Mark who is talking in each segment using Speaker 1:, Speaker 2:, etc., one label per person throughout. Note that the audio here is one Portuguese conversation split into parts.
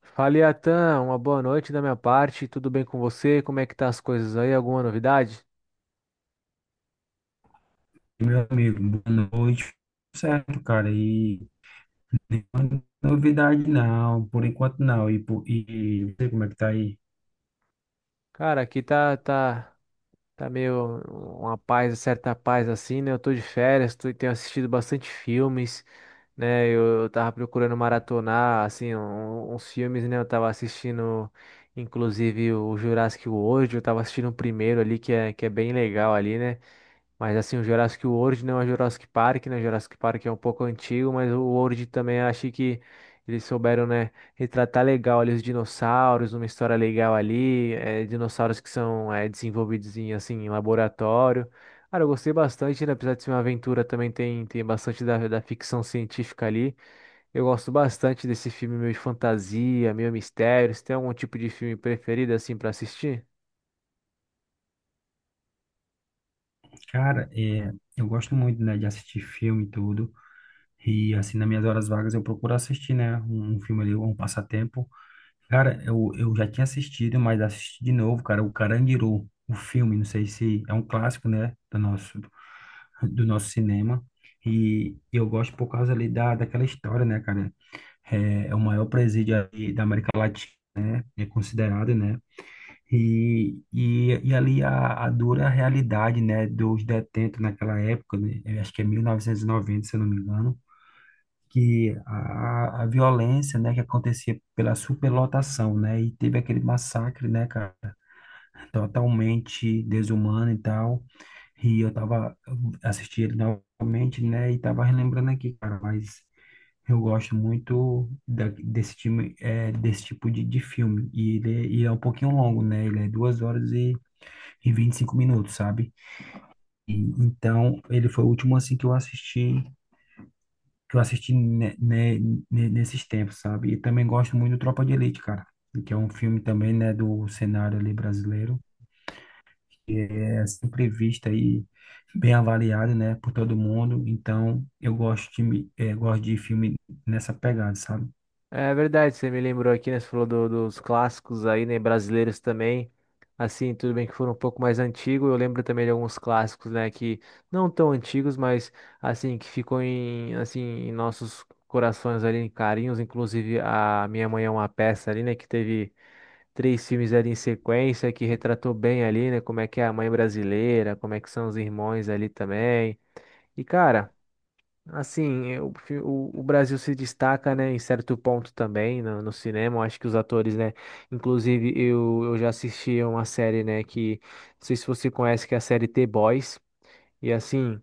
Speaker 1: Fala, Iatan, uma boa noite da minha parte. Tudo bem com você? Como é que tá as coisas aí? Alguma novidade?
Speaker 2: Meu amigo, boa noite. Certo, cara. E nenhuma novidade não, por enquanto não. E não sei como é que tá aí.
Speaker 1: Cara, aqui tá. Tá meio uma paz, certa paz assim, né? Eu tô de férias, tô, tenho assistido bastante filmes, né? Eu tava procurando maratonar, assim, uns filmes, né? Eu tava assistindo, inclusive, o Jurassic World, eu tava assistindo o primeiro ali, que é bem legal ali, né? Mas assim, o Jurassic World não é Jurassic Park, né? Jurassic Park é um pouco antigo, mas o World também achei que eles souberam, né? Retratar legal ali os dinossauros, uma história legal ali, é, dinossauros que são é, desenvolvidos em, assim, em laboratório. Cara, eu gostei bastante, né? Apesar de ser uma aventura, também tem bastante da ficção científica ali. Eu gosto bastante desse filme meio de fantasia, meio mistério. Você tem algum tipo de filme preferido, assim, para assistir?
Speaker 2: Cara, eu gosto muito, né, de assistir filme e tudo. E assim, nas minhas horas vagas eu procuro assistir, né, um filme ali, um passatempo. Cara, eu já tinha assistido, mas assisti de novo, cara, o Carandiru, o filme, não sei se é um clássico, né, do nosso cinema. E eu gosto por causa ali daquela história, né, cara? É, é o maior presídio ali da América Latina, né? É considerado, né? E ali a dura realidade, né, dos detentos naquela época, né? Eu acho que é 1990, se eu não me engano, que a violência, né, que acontecia pela superlotação, né? E teve aquele massacre, né, cara, totalmente desumano e tal. E eu tava assistindo ele novamente, né, e tava relembrando aqui, cara, mas eu gosto muito desse time, é, desse tipo de filme. E ele, é um pouquinho longo, né? Ele é duas horas e 25 minutos, sabe? E então, ele foi o último, assim, que eu assisti, que eu assisti ne- ne- nesses tempos, sabe? E também gosto muito do Tropa de Elite, cara. Que é um filme também, né, do cenário ali brasileiro, que é sempre visto aí bem avaliado, né, por todo mundo. Então, eu gosto de gosto de filme nessa pegada, sabe?
Speaker 1: É verdade, você me lembrou aqui, né? Você falou dos clássicos aí, né? Brasileiros também. Assim, tudo bem que foram um pouco mais antigos. Eu lembro também de alguns clássicos, né? Que não tão antigos, mas assim, que ficou em, assim, em nossos corações ali, em carinhos. Inclusive, a Minha Mãe é uma peça ali, né? Que teve três filmes ali em sequência, que retratou bem ali, né? Como é que é a mãe brasileira, como é que são os irmãos ali também. E, cara. Assim, eu prefiro. O Brasil se destaca, né, em certo ponto também no cinema. Eu acho que os atores, né, inclusive eu já assisti a uma série, né, que não sei se você conhece, que é a série The Boys. E assim,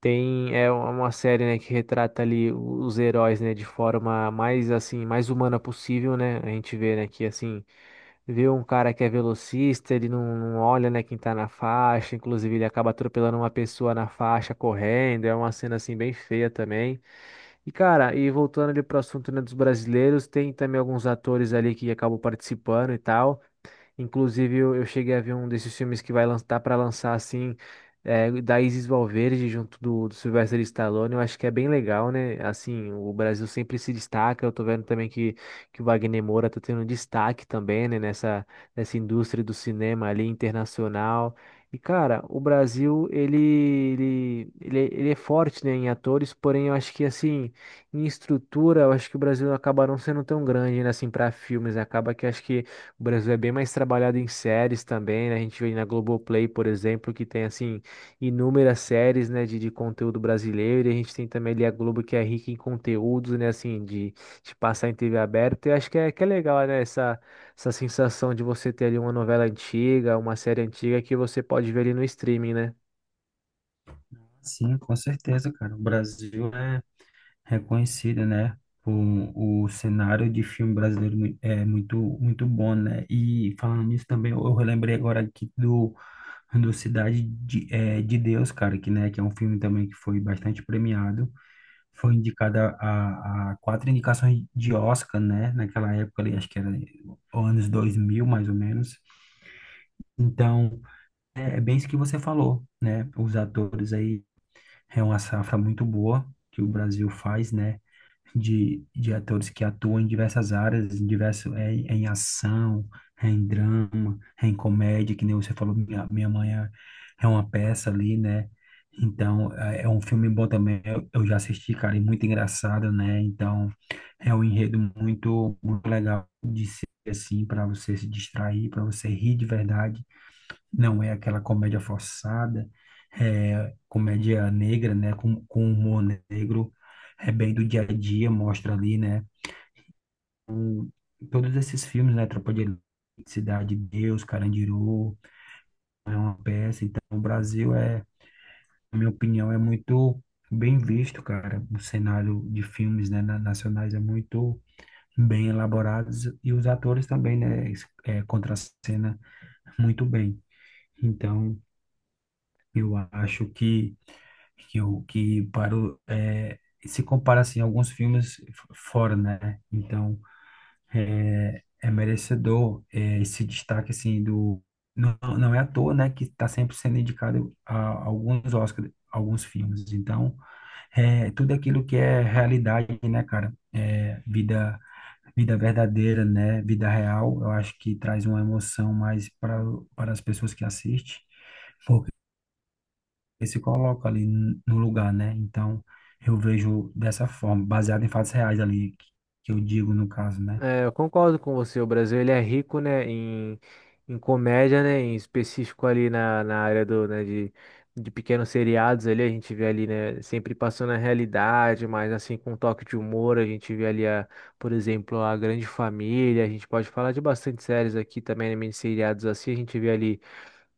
Speaker 1: tem é uma série, né, que retrata ali os heróis, né, de forma mais assim, mais humana possível, né? A gente vê, né, que assim, vê um cara que é velocista, ele não olha, né, quem tá na faixa, inclusive ele acaba atropelando uma pessoa na faixa correndo, é uma cena assim bem feia também. E cara, e voltando ali pro assunto, né, dos brasileiros, tem também alguns atores ali que acabam participando e tal. Inclusive, eu cheguei a ver um desses filmes que vai lançar para lançar assim, é, da Isis Valverde junto do Sylvester Stallone. Eu acho que é bem legal, né? Assim, o Brasil sempre se destaca. Eu tô vendo também que o Wagner Moura tá tendo destaque também, né? Nessa indústria do cinema ali internacional. E, cara, o Brasil, ele é forte, né, em atores, porém eu acho que, assim, em estrutura, eu acho que o Brasil acaba não sendo tão grande, né, assim, para filmes. Acaba que acho que o Brasil é bem mais trabalhado em séries também, né? A gente vê na Globoplay, por exemplo, que tem assim inúmeras séries, né, de conteúdo brasileiro, e a gente tem também ali a Globo que é rica em conteúdos, né, assim, de passar em TV aberta. E acho que é legal, né, essa sensação de você ter ali uma novela antiga, uma série antiga que você pode ver ali no streaming, né?
Speaker 2: Sim, com certeza, cara. O Brasil é reconhecido, né? O cenário de filme brasileiro é muito bom, né? E falando nisso também, eu relembrei agora aqui do Cidade de Deus, cara, que, né, que é um filme também que foi bastante premiado. Foi indicado a 4 indicações de Oscar, né? Naquela época ali, acho que era anos 2000 mais ou menos. Então, é bem isso que você falou, né? Os atores aí é uma safra muito boa que o Brasil faz, né? De atores que atuam em diversas áreas, é em ação, é em drama, é em comédia, que nem você falou, Minha Mãe é uma peça ali, né? Então, é um filme bom também, eu já assisti, cara, e muito engraçado, né? Então, é um enredo muito, muito legal de ser assim, para você se distrair, para você rir de verdade. Não é aquela comédia forçada, é comédia negra, né? Com humor negro, é bem do dia a dia, mostra ali, né? Todos esses filmes, né? Tropa de Elite, Cidade de Deus, Carandiru, é Uma Peça. Então, o Brasil é, na minha opinião, é muito bem visto, cara. O cenário de filmes, né, nacionais é muito bem elaborados e os atores também, né? É, contracena muito bem. Então, eu acho que o que para o, é, se compara assim a alguns filmes fora, né? Então é, é merecedor é, esse destaque assim do não, não é à toa, né? Que está sempre sendo indicado a alguns Oscars, alguns filmes. Então é tudo aquilo que é realidade, né, cara? É, vida verdadeira, né? Vida real. Eu acho que traz uma emoção mais para as pessoas que assistem, eles se colocam ali no lugar, né? Então, eu vejo dessa forma, baseado em fatos reais ali, que eu digo no caso, né?
Speaker 1: É, eu concordo com você. O Brasil ele é rico, né, em, em comédia, né, em específico ali na, na área do, né, de pequenos seriados ali, a gente vê ali, né, sempre passando a realidade, mas assim com um toque de humor, a gente vê ali, a, por exemplo, a Grande Família, a gente pode falar de bastante séries aqui também, né, mini seriados assim, a gente vê ali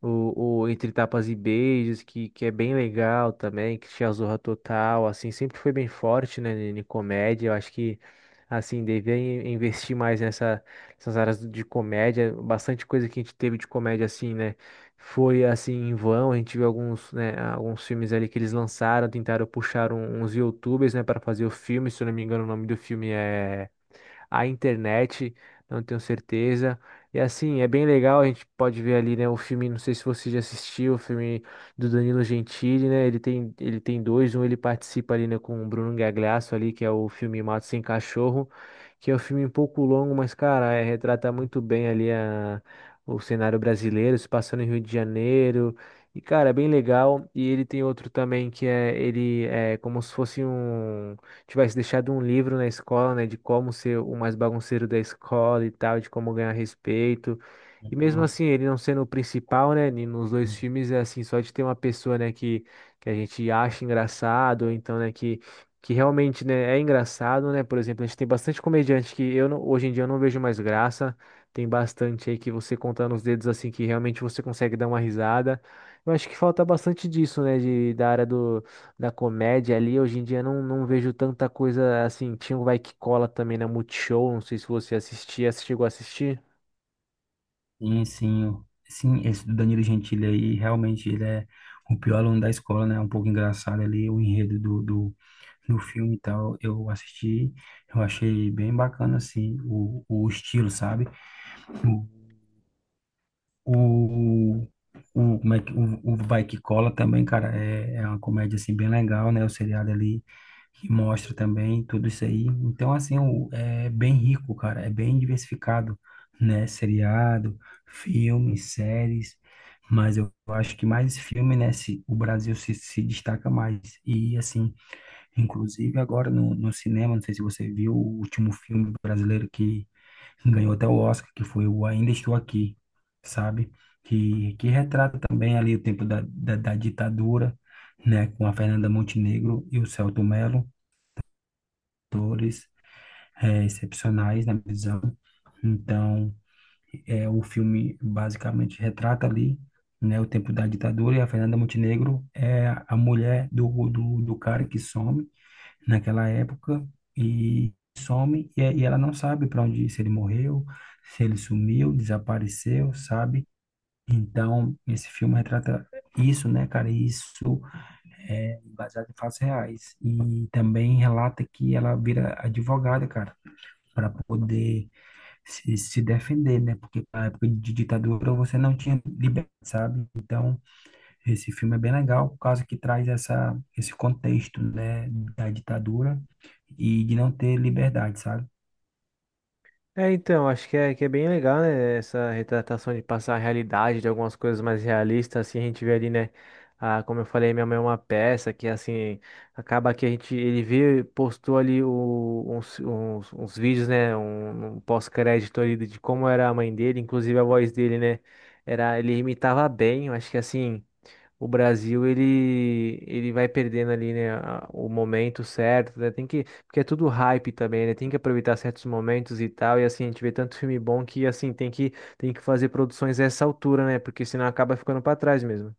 Speaker 1: o Entre Tapas e Beijos, que é bem legal também, que tinha a Zorra Total, assim, sempre foi bem forte, né, em em comédia. Eu acho que, assim, devia investir mais nessa, nessas áreas de comédia. Bastante coisa que a gente teve de comédia, assim, né, foi, assim, em vão. A gente viu alguns, né, alguns filmes ali que eles lançaram, tentaram puxar uns YouTubers, né, para fazer o filme. Se eu não me engano, o nome do filme é a internet, não tenho certeza. E assim, é bem legal, a gente pode ver ali, né, o filme, não sei se você já assistiu, o filme do Danilo Gentili, né? Ele tem dois, um ele participa ali, né, com o Bruno Gagliasso ali, que é o filme Mato Sem Cachorro, que é um filme um pouco longo, mas cara, é, retrata muito bem ali a, o cenário brasileiro, se passando em Rio de Janeiro. E, cara, é bem legal. E ele tem outro também que é ele é como se fosse um tivesse deixado um livro na escola, né, de como ser o mais bagunceiro da escola e tal, de como ganhar respeito. E mesmo
Speaker 2: Não.
Speaker 1: assim, ele não sendo o principal, né, nos dois filmes, é assim, só de ter uma pessoa, né, que a gente acha engraçado, ou então, né, que realmente, né, é engraçado, né, por exemplo, a gente tem bastante comediante que eu não- hoje em dia eu não vejo mais graça, tem bastante aí que você contando os dedos, assim, que realmente você consegue dar uma risada. Eu acho que falta bastante disso, né, de, da área do da comédia ali, hoje em dia não vejo tanta coisa assim. Tinha o Vai Que Cola também na Multishow, não sei se você assistia, se chegou a assistir.
Speaker 2: Sim, sim, esse do Danilo Gentili aí, realmente ele é o pior aluno da escola, né? Um pouco engraçado ali, o enredo do filme e tal. Eu assisti, eu achei bem bacana, assim, o estilo, sabe? O, o, como é que, o Vai Que Cola também, cara, é uma comédia, assim, bem legal, né? O seriado ali que mostra também tudo isso aí. Então, assim, é bem rico, cara, é bem diversificado, né? Seriado, filmes, séries, mas eu acho que mais filme, né? Se, O Brasil se destaca mais. E, assim, inclusive agora no cinema, não sei se você viu o último filme brasileiro que ganhou até o Oscar, que foi o Ainda Estou Aqui, sabe? Que retrata também ali o tempo da ditadura, né? Com a Fernanda Montenegro e o Selton Mello, atores excepcionais, na minha visão. Então, é, o filme basicamente retrata ali, né? O tempo da ditadura e a Fernanda Montenegro é a mulher do cara que some, naquela época, e some e ela não sabe para onde ir, se ele morreu, se ele sumiu, desapareceu, sabe? Então, esse filme retrata isso, né, cara? E isso é baseado em fatos reais. E também relata que ela vira advogada, cara, para poder se defender, né? Porque na época de ditadura você não tinha liberdade, sabe? Então, esse filme é bem legal, por causa que traz essa, esse contexto, né, da ditadura e de não ter liberdade, sabe?
Speaker 1: É, então, acho que é bem legal, né? Essa retratação de passar a realidade de algumas coisas mais realistas, assim, a gente vê ali, né? Ah, como eu falei, minha mãe é uma peça que, assim, acaba que a gente, ele vê, postou ali uns vídeos, né? Um pós-crédito ali de como era a mãe dele, inclusive a voz dele, né? Era, ele imitava bem, eu acho que, assim, o Brasil ele vai perdendo ali, né, o momento certo, né? Tem que, porque é tudo hype também, né? Tem que aproveitar certos momentos e tal, e assim, a gente vê tanto filme bom que assim tem que fazer produções a essa altura, né? Porque senão acaba ficando para trás mesmo.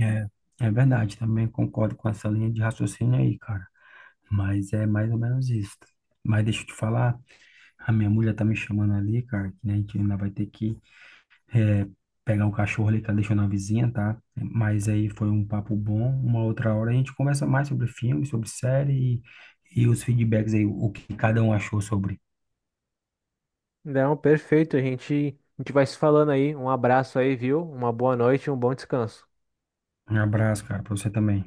Speaker 2: É, é verdade, também concordo com essa linha de raciocínio aí, cara. Mas é mais ou menos isso. Mas deixa eu te falar, a minha mulher tá me chamando ali, cara, que né, a gente ainda vai ter que eh, pegar o cachorro ali que ela deixou na vizinha, tá? Mas aí foi um papo bom. Uma outra hora a gente conversa mais sobre filme, sobre série e os feedbacks aí, o que cada um achou sobre.
Speaker 1: Não, perfeito, a gente vai se falando aí. Um abraço aí, viu? Uma boa noite, e um bom descanso.
Speaker 2: Um abraço, cara, pra você também.